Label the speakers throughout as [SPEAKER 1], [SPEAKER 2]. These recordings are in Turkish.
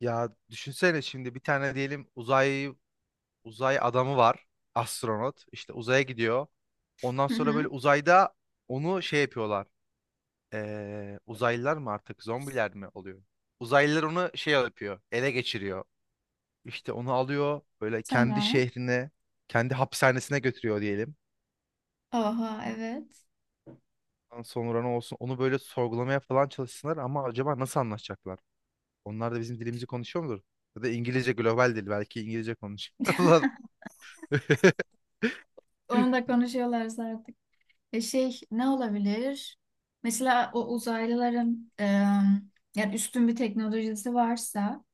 [SPEAKER 1] Ya düşünsene şimdi bir tane diyelim uzay adamı var. Astronot. İşte uzaya gidiyor. Ondan
[SPEAKER 2] Hı
[SPEAKER 1] sonra böyle
[SPEAKER 2] hı.
[SPEAKER 1] uzayda onu şey yapıyorlar. Uzaylılar mı artık zombiler mi oluyor? Uzaylılar onu şey yapıyor. Ele geçiriyor. İşte onu alıyor böyle kendi
[SPEAKER 2] Tamam.
[SPEAKER 1] şehrine, kendi hapishanesine götürüyor diyelim.
[SPEAKER 2] Oha, evet.
[SPEAKER 1] Ondan sonra ne olsun onu böyle sorgulamaya falan çalışsınlar ama acaba nasıl anlaşacaklar? Onlar da bizim dilimizi konuşuyor mudur? Ya da İngilizce global dil belki İngilizce konuşuyorlar.
[SPEAKER 2] Onu da konuşuyorlar zaten. Şey ne olabilir? Mesela o uzaylıların yani üstün bir teknolojisi varsa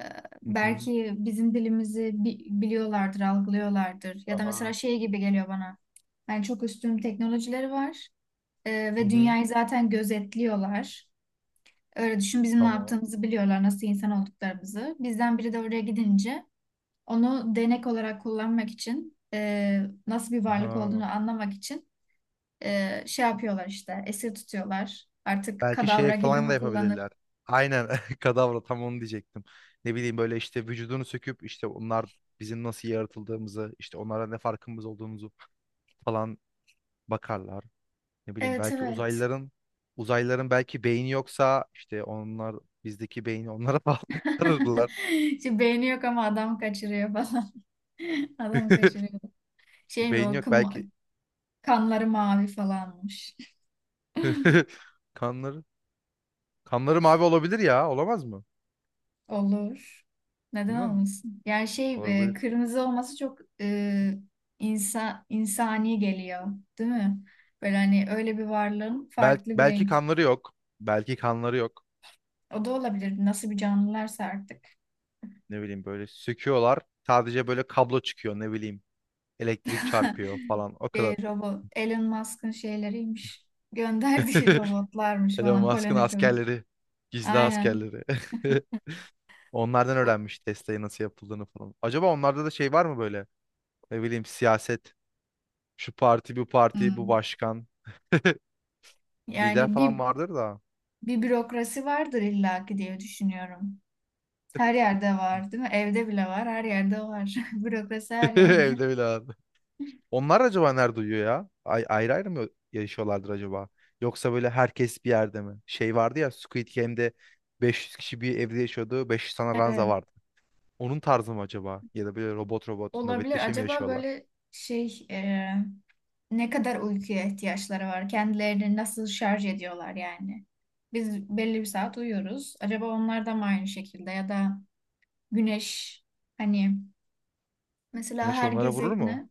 [SPEAKER 2] e,
[SPEAKER 1] Hı hı.
[SPEAKER 2] belki bizim dilimizi biliyorlardır, algılıyorlardır. Ya da mesela
[SPEAKER 1] Aha.
[SPEAKER 2] şey gibi geliyor bana. Yani çok üstün teknolojileri var,
[SPEAKER 1] Hı
[SPEAKER 2] ve
[SPEAKER 1] hı.
[SPEAKER 2] dünyayı zaten gözetliyorlar. Öyle düşün, bizim ne
[SPEAKER 1] Tamam.
[SPEAKER 2] yaptığımızı biliyorlar, nasıl insan olduklarımızı. Bizden biri de oraya gidince onu denek olarak kullanmak için, nasıl bir varlık olduğunu
[SPEAKER 1] Aha.
[SPEAKER 2] anlamak için şey yapıyorlar, işte esir tutuyorlar. Artık
[SPEAKER 1] Belki şey
[SPEAKER 2] kadavra gibi
[SPEAKER 1] falan da
[SPEAKER 2] mi kullanır?
[SPEAKER 1] yapabilirler. Aynen kadavra tam onu diyecektim. Ne bileyim böyle işte vücudunu söküp işte onlar bizim nasıl yaratıldığımızı işte onlara ne farkımız olduğumuzu falan bakarlar. Ne bileyim
[SPEAKER 2] Evet,
[SPEAKER 1] belki
[SPEAKER 2] evet.
[SPEAKER 1] uzaylıların belki beyni yoksa işte onlar bizdeki beyni onlara bağlarlar.
[SPEAKER 2] Şimdi beyni yok ama adam kaçırıyor falan. Adam kaçırıyor. Şey,
[SPEAKER 1] Beyin
[SPEAKER 2] o
[SPEAKER 1] yok belki.
[SPEAKER 2] kanları mavi falanmış.
[SPEAKER 1] Kanları kanları mavi olabilir ya olamaz mı?
[SPEAKER 2] Olur.
[SPEAKER 1] Değil
[SPEAKER 2] Neden
[SPEAKER 1] mi?
[SPEAKER 2] olmasın? Yani şey,
[SPEAKER 1] Olabilir.
[SPEAKER 2] kırmızı olması çok insani geliyor, değil mi? Böyle hani öyle bir varlığın
[SPEAKER 1] Bel
[SPEAKER 2] farklı bir
[SPEAKER 1] belki
[SPEAKER 2] renk.
[SPEAKER 1] kanları yok. Belki kanları yok.
[SPEAKER 2] O da olabilir. Nasıl bir canlılarsa artık.
[SPEAKER 1] Ne bileyim böyle söküyorlar. Sadece böyle kablo çıkıyor ne bileyim. Elektrik çarpıyor falan o kadar.
[SPEAKER 2] Robot Elon Musk'ın şeyleriymiş. Gönderdiği robotlarmış
[SPEAKER 1] Elon
[SPEAKER 2] falan,
[SPEAKER 1] Musk'ın
[SPEAKER 2] koloni kurun.
[SPEAKER 1] askerleri. Gizli
[SPEAKER 2] Aynen.
[SPEAKER 1] askerleri. Onlardan
[SPEAKER 2] Bu-
[SPEAKER 1] öğrenmiş Tesla'yı nasıl yapıldığını falan. Acaba onlarda da şey var mı böyle? Ne bileyim siyaset. Şu parti bu parti bu
[SPEAKER 2] hmm.
[SPEAKER 1] başkan. Lider
[SPEAKER 2] Yani
[SPEAKER 1] falan
[SPEAKER 2] bir
[SPEAKER 1] vardır da.
[SPEAKER 2] bürokrasi vardır illaki diye düşünüyorum. Her yerde var, değil mi? Evde bile var, her yerde var. Bürokrasi her yerde.
[SPEAKER 1] Evde bile var. Onlar acaba nerede uyuyor ya? Ay, ayrı ayrı mı yaşıyorlardır acaba? Yoksa böyle herkes bir yerde mi? Şey vardı ya Squid Game'de 500 kişi bir evde yaşıyordu. 500 tane ranza
[SPEAKER 2] Evet,
[SPEAKER 1] vardı. Onun tarzı mı acaba? Ya da böyle robot robot
[SPEAKER 2] olabilir.
[SPEAKER 1] nöbetleşe mi
[SPEAKER 2] Acaba
[SPEAKER 1] yaşıyorlar?
[SPEAKER 2] böyle şey, ne kadar uykuya ihtiyaçları var? Kendilerini nasıl şarj ediyorlar yani? Biz belli bir saat uyuyoruz. Acaba onlar da mı aynı şekilde? Ya da güneş, hani mesela
[SPEAKER 1] Güneş
[SPEAKER 2] her
[SPEAKER 1] onlara vurur mu?
[SPEAKER 2] gezegene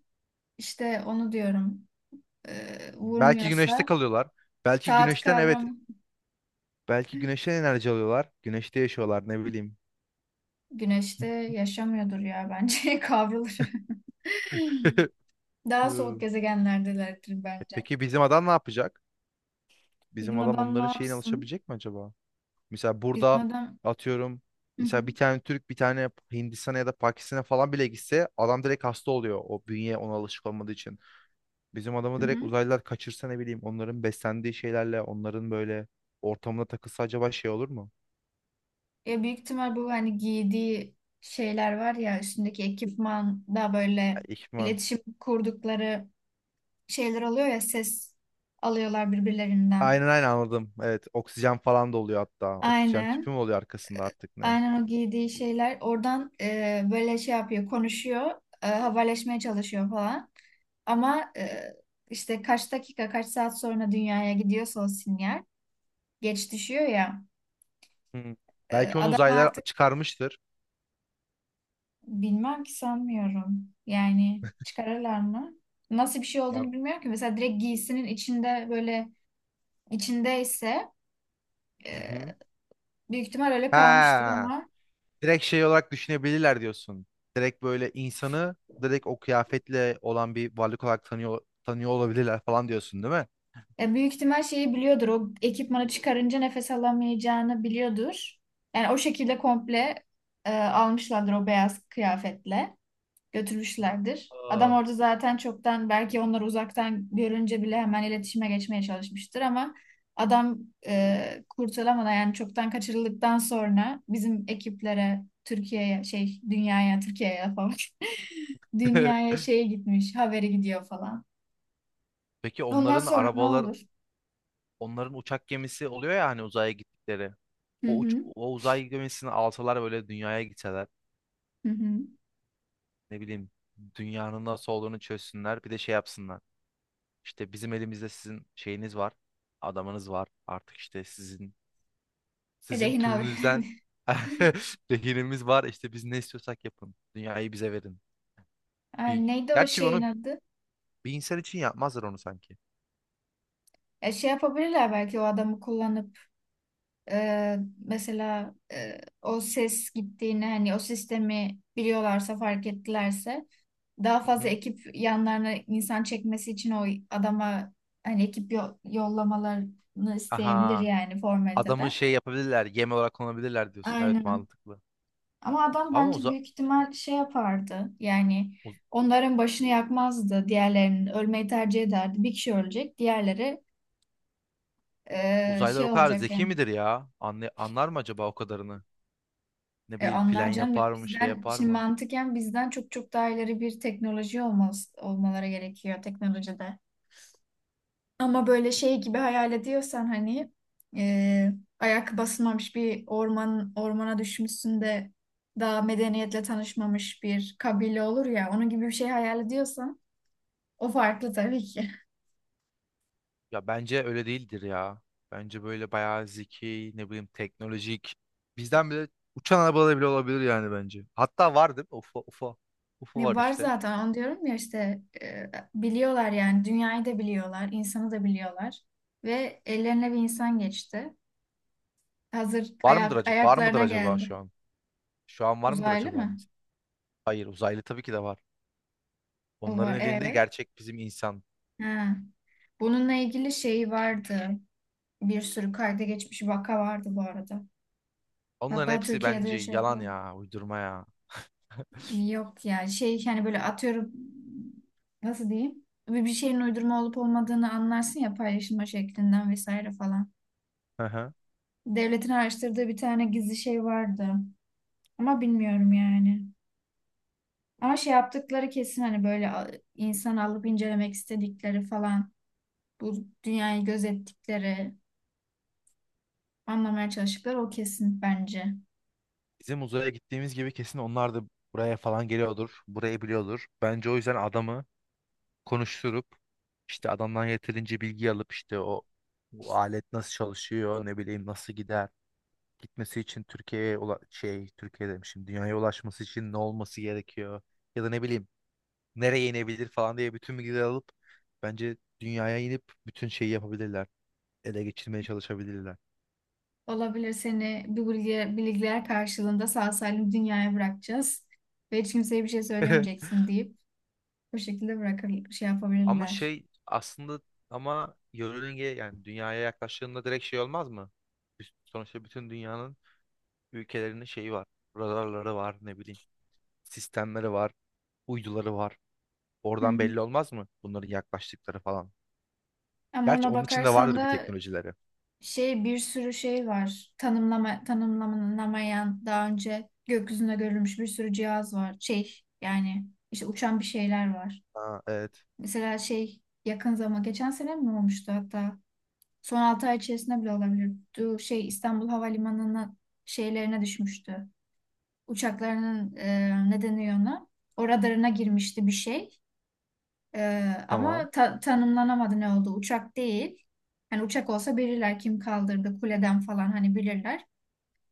[SPEAKER 2] işte onu diyorum,
[SPEAKER 1] Belki güneşte
[SPEAKER 2] vurmuyorsa
[SPEAKER 1] kalıyorlar. Belki
[SPEAKER 2] saat
[SPEAKER 1] güneşten evet.
[SPEAKER 2] kavramı,
[SPEAKER 1] Belki güneşten enerji alıyorlar. Güneşte yaşıyorlar ne bileyim.
[SPEAKER 2] güneşte yaşamıyordur ya bence, kavrulur. Daha soğuk
[SPEAKER 1] Hı.
[SPEAKER 2] gezegenlerdelerdir
[SPEAKER 1] E
[SPEAKER 2] bence.
[SPEAKER 1] peki bizim adam ne yapacak? Bizim
[SPEAKER 2] Bizim
[SPEAKER 1] adam
[SPEAKER 2] adam ne
[SPEAKER 1] onların şeyine
[SPEAKER 2] yapsın?
[SPEAKER 1] alışabilecek mi acaba? Mesela
[SPEAKER 2] Bizim
[SPEAKER 1] burada
[SPEAKER 2] adam
[SPEAKER 1] atıyorum
[SPEAKER 2] hı hı,
[SPEAKER 1] mesela bir tane Türk bir tane Hindistan'a ya da Pakistan'a falan bile gitse adam direkt hasta oluyor. O bünye ona alışık olmadığı için. Bizim adamı
[SPEAKER 2] hı
[SPEAKER 1] direkt
[SPEAKER 2] hı.
[SPEAKER 1] uzaylılar kaçırsa ne bileyim onların beslendiği şeylerle onların böyle ortamına takılsa acaba şey olur mu?
[SPEAKER 2] Ya büyük ihtimal bu hani giydiği şeyler var ya, üstündeki ekipman da
[SPEAKER 1] Ya,
[SPEAKER 2] böyle
[SPEAKER 1] İhtimal.
[SPEAKER 2] iletişim kurdukları şeyler oluyor ya, ses alıyorlar birbirlerinden.
[SPEAKER 1] Aynen aynen anladım. Evet oksijen falan da oluyor hatta. Oksijen tüpü
[SPEAKER 2] Aynen.
[SPEAKER 1] mü oluyor arkasında artık ne?
[SPEAKER 2] Aynen o giydiği şeyler oradan böyle şey yapıyor, konuşuyor, haberleşmeye çalışıyor falan. Ama işte kaç dakika, kaç saat sonra dünyaya gidiyorsa o sinyal geç düşüyor ya.
[SPEAKER 1] Hı. Belki onu
[SPEAKER 2] Ama
[SPEAKER 1] uzaylılar
[SPEAKER 2] artık
[SPEAKER 1] çıkarmıştır.
[SPEAKER 2] bilmem ki, sanmıyorum. Yani çıkarırlar mı? Nasıl bir şey
[SPEAKER 1] Ya,
[SPEAKER 2] olduğunu bilmiyorum ki. Mesela direkt giysinin içinde böyle içindeyse e,
[SPEAKER 1] hı hı.
[SPEAKER 2] büyük ihtimal öyle kalmıştır
[SPEAKER 1] Ha.
[SPEAKER 2] ama
[SPEAKER 1] Direkt şey olarak düşünebilirler diyorsun. Direkt böyle insanı direkt o kıyafetle olan bir varlık olarak tanıyor, tanıyor olabilirler falan diyorsun değil mi?
[SPEAKER 2] büyük ihtimal şeyi biliyordur. O ekipmanı çıkarınca nefes alamayacağını biliyordur. Yani o şekilde komple almışlardır, o beyaz kıyafetle götürmüşlerdir. Adam
[SPEAKER 1] Aa,
[SPEAKER 2] orada zaten çoktan, belki onları uzaktan görünce bile hemen iletişime geçmeye çalışmıştır ama adam kurtulamadan, yani çoktan kaçırıldıktan sonra bizim ekiplere, Türkiye'ye, şey dünyaya, Türkiye'ye falan dünyaya, şeye gitmiş haberi gidiyor falan.
[SPEAKER 1] peki
[SPEAKER 2] Ondan
[SPEAKER 1] onların
[SPEAKER 2] sonra ne
[SPEAKER 1] arabalar,
[SPEAKER 2] olur?
[SPEAKER 1] onların uçak gemisi oluyor ya hani uzaya gittikleri.
[SPEAKER 2] Hı
[SPEAKER 1] O, uç,
[SPEAKER 2] hı.
[SPEAKER 1] o uzay gemisini alsalar böyle dünyaya gitseler.
[SPEAKER 2] Hı hı.
[SPEAKER 1] Ne bileyim dünyanın nasıl olduğunu çözsünler. Bir de şey yapsınlar. İşte bizim elimizde sizin şeyiniz var. Adamınız var. Artık işte sizin
[SPEAKER 2] Rehin al.
[SPEAKER 1] türünüzden rehinimiz var. İşte biz ne istiyorsak yapın. Dünyayı bize verin.
[SPEAKER 2] Ay,
[SPEAKER 1] Bir...
[SPEAKER 2] neydi o
[SPEAKER 1] Gerçi
[SPEAKER 2] şeyin
[SPEAKER 1] onu
[SPEAKER 2] adı?
[SPEAKER 1] bir insan için yapmazlar onu sanki.
[SPEAKER 2] Şey yapabilirler belki, o adamı kullanıp Ee, mesela o ses gittiğini, hani o sistemi biliyorlarsa, fark ettilerse daha
[SPEAKER 1] Hı
[SPEAKER 2] fazla
[SPEAKER 1] hı.
[SPEAKER 2] ekip, yanlarına insan çekmesi için o adama hani ekip yollamalarını isteyebilir,
[SPEAKER 1] Aha.
[SPEAKER 2] yani
[SPEAKER 1] Adamı
[SPEAKER 2] formaliteden.
[SPEAKER 1] şey yapabilirler. Yem olarak kullanabilirler diyorsun. Evet
[SPEAKER 2] Aynen.
[SPEAKER 1] mantıklı.
[SPEAKER 2] Ama adam
[SPEAKER 1] Ama
[SPEAKER 2] bence
[SPEAKER 1] uza
[SPEAKER 2] büyük ihtimal şey yapardı. Yani
[SPEAKER 1] uz-
[SPEAKER 2] onların başını yakmazdı. Diğerlerinin ölmeyi tercih ederdi. Bir kişi ölecek, diğerleri
[SPEAKER 1] Uzaylılar o
[SPEAKER 2] şey
[SPEAKER 1] kadar
[SPEAKER 2] olacak
[SPEAKER 1] zeki
[SPEAKER 2] yani.
[SPEAKER 1] midir ya? Anlar mı acaba o kadarını? Ne
[SPEAKER 2] E,
[SPEAKER 1] bileyim plan
[SPEAKER 2] anlar canım ya,
[SPEAKER 1] yapar mı şey
[SPEAKER 2] bizden
[SPEAKER 1] yapar
[SPEAKER 2] şimdi
[SPEAKER 1] mı?
[SPEAKER 2] mantıken bizden çok çok daha ileri bir teknoloji olmaz, olmaları gerekiyor teknolojide. Ama böyle şey gibi hayal ediyorsan hani, e, ayak basmamış bir orman, ormana düşmüşsün de daha medeniyetle tanışmamış bir kabile olur ya, onun gibi bir şey hayal ediyorsan o farklı tabii ki.
[SPEAKER 1] Ya bence öyle değildir ya. Bence böyle bayağı zeki, ne bileyim teknolojik. Bizden bile uçan arabalar bile olabilir yani bence. Hatta var değil mi? UFO, UFO. UFO
[SPEAKER 2] Ne
[SPEAKER 1] var
[SPEAKER 2] var,
[SPEAKER 1] işte.
[SPEAKER 2] zaten onu diyorum ya işte, biliyorlar yani, dünyayı da biliyorlar, insanı da biliyorlar ve ellerine bir insan geçti. Hazır
[SPEAKER 1] Var mıdır
[SPEAKER 2] ayak,
[SPEAKER 1] acaba? Var mıdır
[SPEAKER 2] ayaklarına
[SPEAKER 1] acaba
[SPEAKER 2] geldi.
[SPEAKER 1] şu an? Şu an var mıdır
[SPEAKER 2] Uzaylı
[SPEAKER 1] acaba
[SPEAKER 2] mı?
[SPEAKER 1] elimizde? Hayır, uzaylı tabii ki de var.
[SPEAKER 2] O
[SPEAKER 1] Onların
[SPEAKER 2] var,
[SPEAKER 1] elinde
[SPEAKER 2] evet.
[SPEAKER 1] gerçek bizim insan.
[SPEAKER 2] Ha. Bununla ilgili şey vardı. Bir sürü kayda geçmiş vaka vardı bu arada.
[SPEAKER 1] Onların
[SPEAKER 2] Hatta
[SPEAKER 1] hepsi
[SPEAKER 2] Türkiye'de
[SPEAKER 1] bence
[SPEAKER 2] de şey
[SPEAKER 1] yalan
[SPEAKER 2] var.
[SPEAKER 1] ya, uydurma ya.
[SPEAKER 2] Yok yani, şey hani böyle atıyorum, nasıl diyeyim? Bir, bir şeyin uydurma olup olmadığını anlarsın ya, paylaşılma şeklinden vesaire falan.
[SPEAKER 1] Hı hı.
[SPEAKER 2] Devletin araştırdığı bir tane gizli şey vardı. Ama bilmiyorum yani. Ama şey yaptıkları kesin, hani böyle insan alıp incelemek istedikleri falan, bu dünyayı gözettikleri, anlamaya çalıştıkları, o kesin bence.
[SPEAKER 1] Bizim uzaya gittiğimiz gibi kesin onlar da buraya falan geliyordur. Burayı biliyordur. Bence o yüzden adamı konuşturup işte adamdan yeterince bilgi alıp işte o bu alet nasıl çalışıyor ne bileyim nasıl gider gitmesi için Türkiye demişim dünyaya ulaşması için ne olması gerekiyor ya da ne bileyim nereye inebilir falan diye bütün bilgileri alıp bence dünyaya inip bütün şeyi yapabilirler ele geçirmeye çalışabilirler.
[SPEAKER 2] Olabilir, seni bu bilgiler, bilgiler karşılığında sağ salim dünyaya bırakacağız ve hiç kimseye bir şey söylemeyeceksin deyip bu şekilde bırakır, şey
[SPEAKER 1] Ama
[SPEAKER 2] yapabilirler.
[SPEAKER 1] şey aslında ama yörünge yani dünyaya yaklaştığında direkt şey olmaz mı? Sonuçta bütün dünyanın ülkelerinin şeyi var, radarları var ne bileyim, sistemleri var, uyduları var.
[SPEAKER 2] Hı
[SPEAKER 1] Oradan
[SPEAKER 2] hı.
[SPEAKER 1] belli olmaz mı bunların yaklaştıkları falan?
[SPEAKER 2] Ama
[SPEAKER 1] Gerçi
[SPEAKER 2] ona
[SPEAKER 1] onun içinde
[SPEAKER 2] bakarsan
[SPEAKER 1] vardır bir
[SPEAKER 2] da
[SPEAKER 1] teknolojileri.
[SPEAKER 2] şey, bir sürü şey var. Tanımlama, tanımlanamayan, daha önce gökyüzünde görülmüş bir sürü cihaz var. Şey yani işte uçan bir şeyler var.
[SPEAKER 1] Ha, evet.
[SPEAKER 2] Mesela şey yakın zaman, geçen sene mi olmuştu hatta? Son 6 ay içerisinde bile olabilir. Şey, İstanbul Havalimanı'nın şeylerine düşmüştü. Uçaklarının, ne deniyor ona? O radarına girmişti bir şey. E,
[SPEAKER 1] Tamam.
[SPEAKER 2] Ama tanımlanamadı ne oldu. Uçak değil. Hani uçak olsa bilirler, kim kaldırdı kuleden falan, hani bilirler.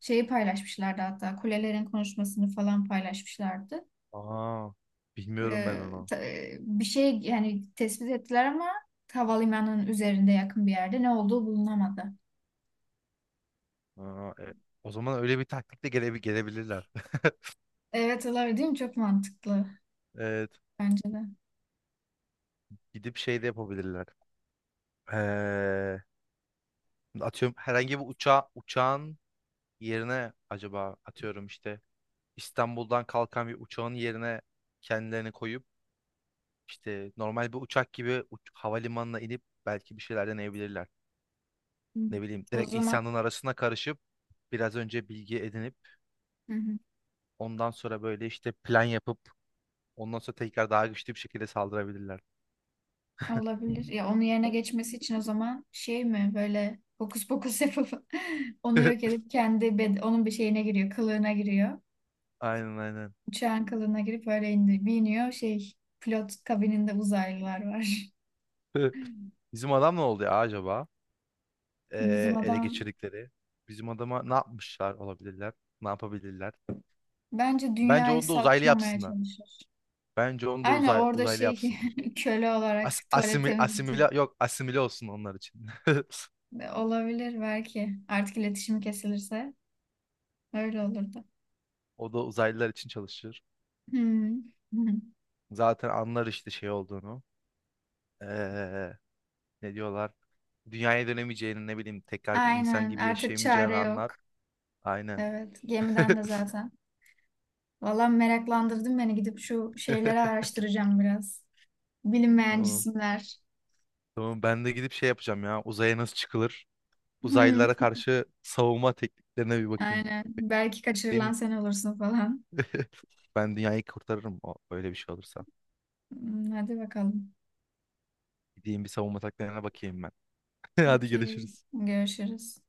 [SPEAKER 2] Şeyi paylaşmışlardı hatta, kulelerin konuşmasını falan paylaşmışlardı.
[SPEAKER 1] Aa, bilmiyorum ben
[SPEAKER 2] E,
[SPEAKER 1] onu.
[SPEAKER 2] bir şey yani tespit ettiler ama havalimanının üzerinde yakın bir yerde ne olduğu bulunamadı.
[SPEAKER 1] Aa, o zaman öyle bir taktikle gelebilirler.
[SPEAKER 2] Evet, olabilir değil mi? Çok mantıklı.
[SPEAKER 1] Evet.
[SPEAKER 2] Bence de.
[SPEAKER 1] Gidip şey de yapabilirler. Ee, atıyorum herhangi bir uçağa, uçağın yerine acaba atıyorum işte İstanbul'dan kalkan bir uçağın yerine kendilerini koyup işte normal bir uçak gibi havalimanına inip belki bir şeyler deneyebilirler.
[SPEAKER 2] Hı.
[SPEAKER 1] Ne bileyim
[SPEAKER 2] O
[SPEAKER 1] direkt
[SPEAKER 2] zaman
[SPEAKER 1] İhsan'ın arasına karışıp biraz önce bilgi edinip
[SPEAKER 2] hı hı,
[SPEAKER 1] ondan sonra böyle işte plan yapıp ondan sonra tekrar daha güçlü bir şekilde saldırabilirler.
[SPEAKER 2] olabilir. Ya onun yerine geçmesi için o zaman şey mi, böyle hokus pokus yapıp onu yok edip kendi onun bir şeyine giriyor, kılığına giriyor.
[SPEAKER 1] Aynen aynen.
[SPEAKER 2] Uçağın kılığına girip öyle indi, biniyor. Şey, pilot kabininde uzaylılar var.
[SPEAKER 1] Bizim adam ne oldu ya acaba?
[SPEAKER 2] Bizim
[SPEAKER 1] Ele
[SPEAKER 2] adam
[SPEAKER 1] geçirdikleri. Bizim adama ne yapmışlar olabilirler? Ne yapabilirler?
[SPEAKER 2] bence
[SPEAKER 1] Bence
[SPEAKER 2] dünyayı
[SPEAKER 1] onu da uzaylı
[SPEAKER 2] satmamaya
[SPEAKER 1] yapsınlar.
[SPEAKER 2] çalışır.
[SPEAKER 1] Bence onu da
[SPEAKER 2] Aynen, orada
[SPEAKER 1] uzaylı
[SPEAKER 2] şey
[SPEAKER 1] yapsınlar.
[SPEAKER 2] köle olarak
[SPEAKER 1] As
[SPEAKER 2] tuvalet
[SPEAKER 1] asimil
[SPEAKER 2] temizletiyor.
[SPEAKER 1] asimile yok asimile olsun onlar için.
[SPEAKER 2] Olabilir belki. Artık iletişim kesilirse öyle olurdu.
[SPEAKER 1] O da uzaylılar için çalışır.
[SPEAKER 2] Hmm.
[SPEAKER 1] Zaten anlar işte şey olduğunu. Ee, ne diyorlar? Dünyaya dönemeyeceğini ne bileyim tekrar bir insan
[SPEAKER 2] Aynen,
[SPEAKER 1] gibi
[SPEAKER 2] artık
[SPEAKER 1] yaşayamayacağını
[SPEAKER 2] çare
[SPEAKER 1] anlar.
[SPEAKER 2] yok.
[SPEAKER 1] Aynen.
[SPEAKER 2] Evet, gemiden de zaten. Valla, meraklandırdın beni, gidip şu şeyleri araştıracağım biraz. Bilinmeyen
[SPEAKER 1] Tamam.
[SPEAKER 2] cisimler.
[SPEAKER 1] Tamam ben de gidip şey yapacağım ya. Uzaya nasıl çıkılır? Uzaylılara
[SPEAKER 2] Hmm,
[SPEAKER 1] karşı savunma tekniklerine bir bakayım.
[SPEAKER 2] aynen, belki kaçırılan
[SPEAKER 1] Ben,
[SPEAKER 2] sen olursun falan.
[SPEAKER 1] ben dünyayı kurtarırım öyle bir şey olursa.
[SPEAKER 2] Hmm, hadi bakalım.
[SPEAKER 1] Gideyim bir savunma taktiklerine bakayım ben. Hadi
[SPEAKER 2] Okey,
[SPEAKER 1] görüşürüz.
[SPEAKER 2] görüşürüz.